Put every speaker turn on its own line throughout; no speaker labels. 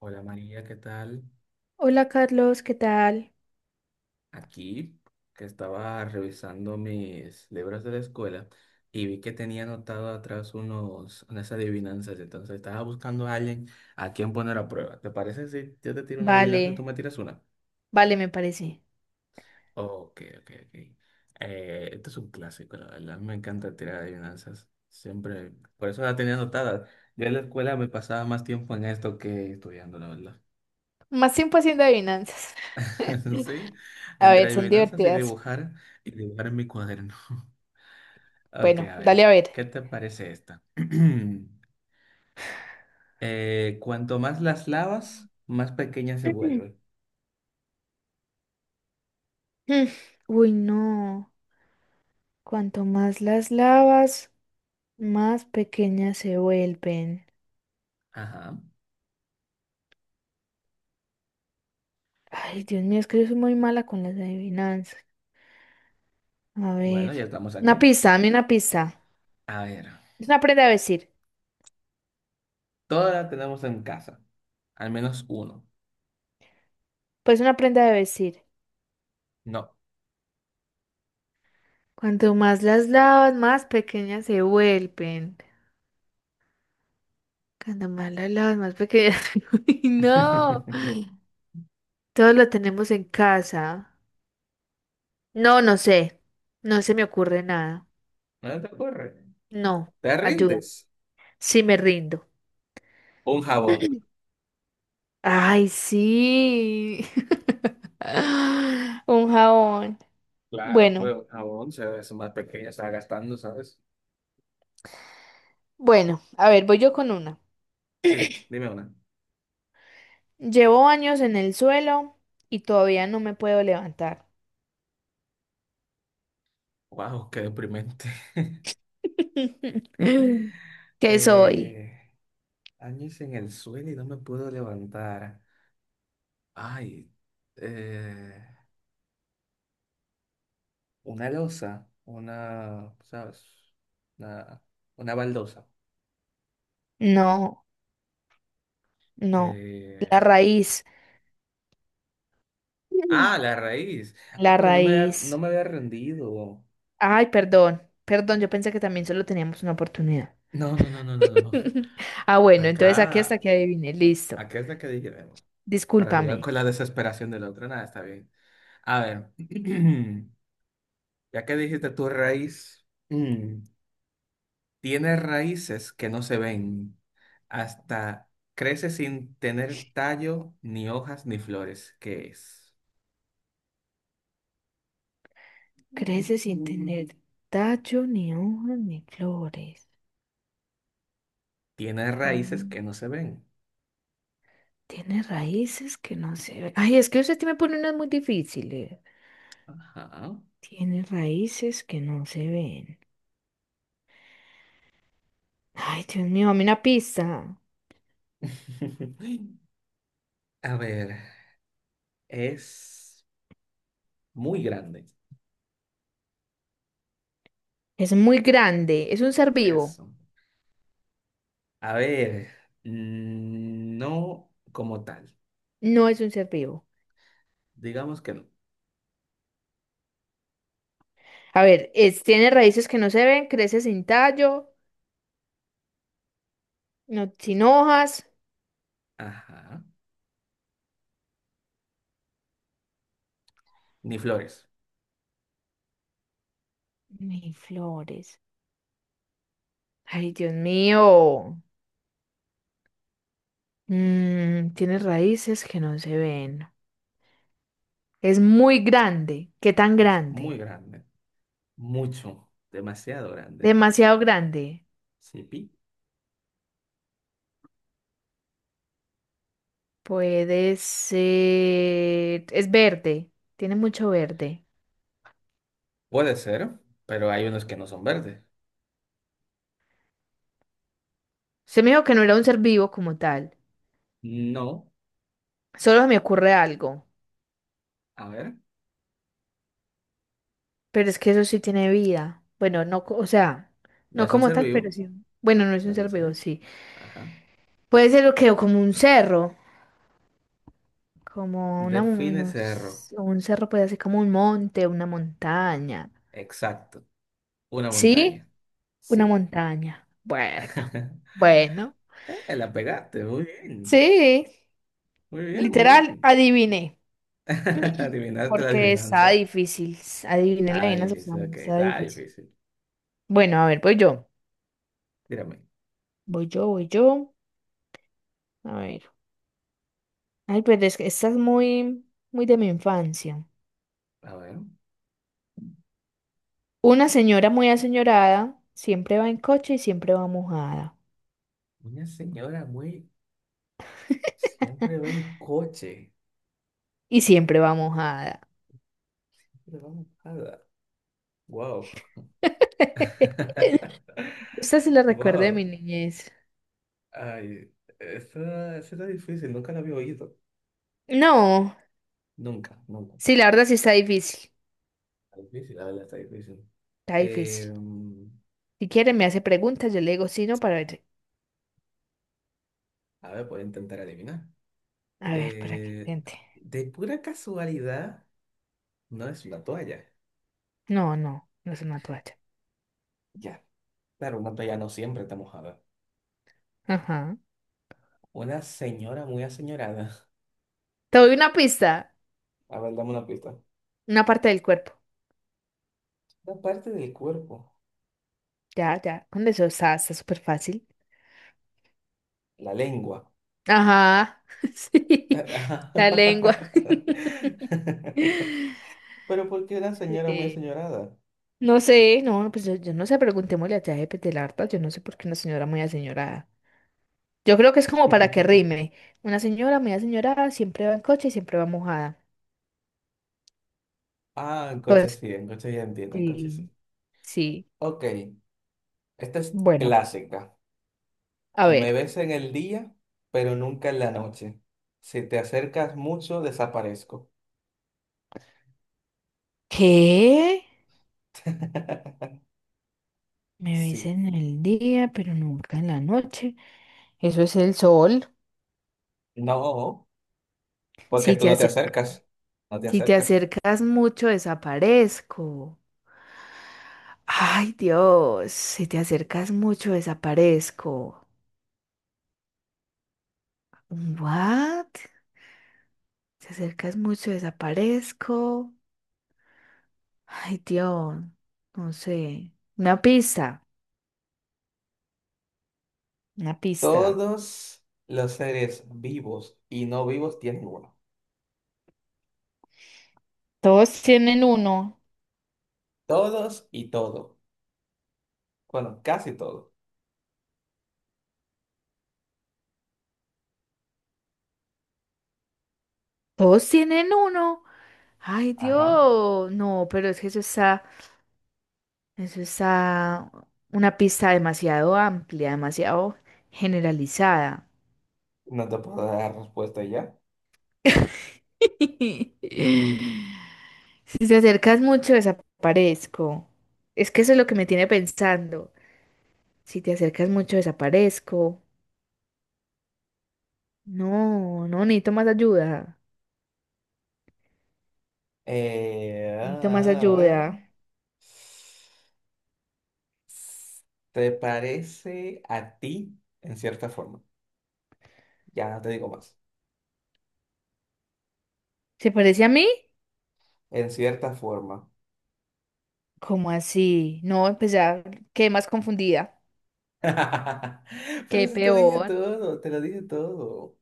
Hola María, ¿qué tal?
Hola Carlos, ¿qué tal?
Aquí que estaba revisando mis libros de la escuela y vi que tenía anotado atrás unas adivinanzas, entonces estaba buscando a alguien a quien poner a prueba. ¿Te parece si yo te tiro una adivinanza, tú
Vale,
me tiras una?
vale, me parece.
Ok, ok, ok. Esto es un clásico, la verdad, me encanta tirar adivinanzas, siempre, por eso la tenía anotada. Yo en la escuela me pasaba más tiempo en esto que estudiando, la verdad.
Más tiempo haciendo adivinanzas.
Sí,
A
entre
ver, son
adivinanzas
divertidas.
y dibujar en mi cuaderno. Ok,
Bueno,
a ver,
dale a ver.
¿qué te parece esta? Cuanto más las lavas, más pequeñas se
Mm.
vuelven.
Mm. Uy, no. Cuanto más las lavas, más pequeñas se vuelven.
Ajá,
Ay, Dios mío, es que yo soy muy mala con las adivinanzas. A
bueno,
ver.
ya estamos
Una
aquí.
pista, dame una pista.
A ver,
Es una prenda de vestir.
todas las tenemos en casa, al menos uno.
Pues una prenda de vestir.
No.
Cuanto más las lavas, más pequeñas se vuelven. Cuando más las lavas, más pequeñas. Uy, no. Todo lo tenemos en casa. No, no sé. No se me ocurre nada.
¿No te ocurre?
No.
¿Te
Ayuda.
rindes?
Sí me rindo.
Un jabón.
Ay, sí. Un jabón.
Claro,
Bueno,
pero un jabón se ve más pequeña, está gastando, ¿sabes?
bueno, a ver, voy yo con una.
Sí, dime una.
Llevo años en el suelo y todavía no me puedo levantar.
Wow, qué deprimente.
¿Qué soy?
Eh, Años en el suelo y no me puedo levantar. Ay, eh, una losa, una, ¿sabes? Una, una baldosa.
No, no. La
Eh,
raíz.
ah, la raíz. Ah,
La
pero no
raíz.
me había rendido.
Ay, perdón, perdón, yo pensé que también solo teníamos una oportunidad.
No, no, no, no, no, no.
Ah, bueno, entonces aquí hasta
Acá,
que adivine, listo.
acá es la que dijimos. Para
Discúlpame.
jugar con la desesperación del otro. Nada, está bien. A ver, ya que dijiste tu raíz. Tiene raíces que no se ven, hasta crece sin tener tallo, ni hojas, ni flores. ¿Qué es?
Crece sin tener tallo, ni hojas, ni flores.
Tiene raíces que
Mm,
no se ven.
tiene raíces que no se ven. Ay, es que usted sí me pone unas muy difíciles.
Ajá.
Tiene raíces que no se ven. Ay, Dios mío, dame una pista.
A ver, es muy grande.
Es muy grande. Es un ser vivo.
Eso. A ver, no como tal.
No es un ser vivo.
Digamos que no.
A ver, es, tiene raíces que no se ven, crece sin tallo, no, sin hojas,
Ajá. Ni flores.
ni flores. Ay, Dios mío. Mm, tiene raíces que no se ven. Es muy grande. ¿Qué tan
Es muy
grande?
grande. Mucho. Demasiado grande.
Demasiado grande.
Sí, pi.
Puede ser... es verde. Tiene mucho verde.
Puede ser, pero hay unos que no son verdes.
Se me dijo que no era un ser vivo como tal.
No,
Solo me ocurre algo.
a ver,
Pero es que eso sí tiene vida. Bueno, no, o sea,
no
no
es un
como
ser
tal, pero
vivo,
sí. Bueno, no es
no
un
es un
ser
ser
vivo,
vivo.
sí.
Ajá.
Puede ser lo que o como un cerro, como una,
Define cerro.
un cerro puede ser como un monte, una montaña.
Exacto, una
¿Sí?
montaña.
Una
Sí.
montaña. Bueno, bueno.
La pegaste, muy bien.
Sí,
Muy bien, muy
literal,
bien.
adiviné,
Adivinaste la
porque
adivinanza.
está difícil. Adiviné la
Está
vaina, o sea,
difícil, ok,
está
está
difícil.
difícil.
Bueno, a ver, voy yo.
Dígame,
Voy yo. A ver. Ay, pero es que esta es muy de mi infancia.
a ver,
Una señora muy aseñorada siempre va en coche y siempre va mojada.
una señora muy... Siempre va en coche.
Y siempre va mojada.
Siempre va mojada. Wow.
Esta sí la recuerdo de mi
Wow.
niñez.
Ay, esta está difícil, nunca la había oído.
No,
Nunca, nunca.
sí, la verdad sí está difícil.
Está difícil, la verdad, está difícil.
Está difícil.
Eh,
Si quiere me hace preguntas, yo le digo sí, no, para ver.
a ver, puedo intentar adivinar.
A ver, para que
Eh,
intente.
de pura casualidad, no es una toalla.
No, no, no es una toalla.
Ya, claro, una toalla no siempre está mojada.
Ajá.
Una señora muy aseñorada.
Te doy una pista,
A ver, dame una pista.
una parte del cuerpo.
La parte del cuerpo,
Ya, ya, con eso está, está súper fácil.
la lengua.
Ajá, sí, la lengua.
Pero ¿por qué una señora muy
Sí.
aseñorada?
No sé, no, pues yo no sé, preguntémosle a ChatGPT, la verdad, yo no sé por qué una señora muy aseñorada. Yo creo que es como para que rime. Una señora muy aseñorada siempre va en coche y siempre va mojada.
Ah, en coche
Pues
sí, en coche ya entiendo, en coche
sí,
sí.
sí.
Ok, esta es
Bueno,
clásica.
a
Me
ver.
ves en el día, pero nunca en la noche. Si te acercas mucho, desaparezco.
¿Qué? Me ves
Sí.
en el día, pero nunca en la noche. Eso es el sol.
No, porque
Si
tú
te
no te
acercas
acercas. No te
Si te
acercas.
acercas mucho, desaparezco. Ay, Dios, si te acercas mucho, desaparezco. ¿What? Te acercas mucho, desaparezco. Ay, Dios, no sé. Una pista, una pista.
Todos los seres vivos y no vivos tienen uno.
Todos tienen uno.
Todos y todo. Bueno, casi todo.
Todos tienen uno. Ay,
Ajá.
Dios. No, pero es que eso está una pista demasiado amplia, demasiado generalizada.
No te puedo dar respuesta ya.
Si te acercas mucho, desaparezco. Es que eso es lo que me tiene pensando. Si te acercas mucho, desaparezco. No, no, necesito más ayuda. Necesito más
A ver.
ayuda.
Te parece a ti en cierta forma. Ya no te digo más.
¿Se parece a mí?
En cierta forma.
¿Cómo así? No, pues ya quedé más confundida.
Pero
Qué
si te dije
peor,
todo, te lo dije todo.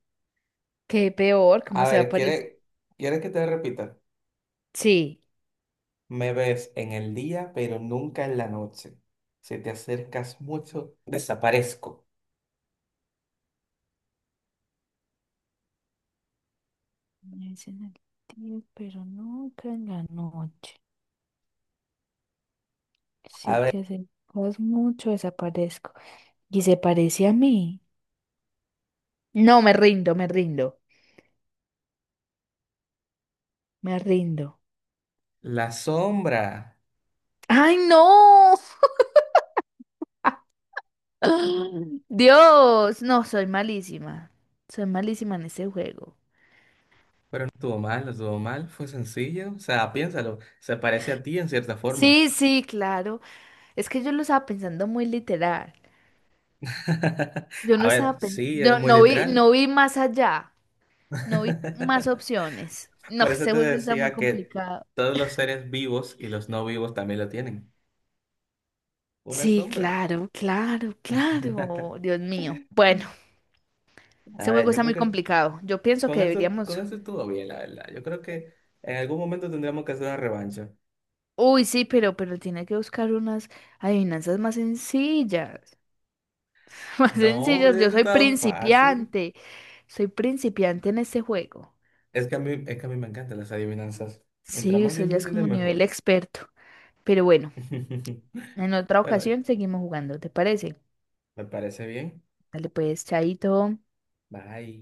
qué peor,
A
¿cómo se
ver,
aparece?
¿quieres que te repita?
Sí.
Me ves en el día, pero nunca en la noche. Si te acercas mucho, desaparezco.
Permanece en el día, pero nunca en la noche.
A
Si
ver,
te acercas mucho, desaparezco. ¿Y se parece a mí? No, me rindo, me rindo, me rindo.
la sombra.
¡Ay, no! Dios, no, soy malísima. Soy malísima en ese juego.
Pero no estuvo mal. Fue sencillo. O sea, piénsalo. Se parece a ti en cierta forma.
Sí, sí, claro. Es que yo lo estaba pensando muy literal. Yo no
A ver,
estaba
sí, es
yo
muy
no vi, no
literal.
vi más allá, no vi más opciones. No,
Por eso
ese
te
juego está muy
decía que
complicado.
todos los seres vivos y los no vivos también lo tienen. Una
Sí,
sombra.
claro, claro, claro. Dios mío. Bueno, ese
A ver,
juego
yo
está
creo
muy
que
complicado. Yo pienso que
con
deberíamos.
esto estuvo bien, la verdad. Yo creo que en algún momento tendríamos que hacer una revancha.
Uy, sí, pero tiene que buscar unas adivinanzas más sencillas. Más
No, pero
sencillas.
es
Yo soy
estado fácil.
principiante. Soy principiante en este juego.
Es que es que a mí me encantan las adivinanzas. Entre
Sí,
más
usted ya es
difíciles,
como nivel
mejor.
experto. Pero bueno, en otra
Bueno,
ocasión seguimos jugando, ¿te parece?
me parece bien.
Dale pues, chaito.
Bye.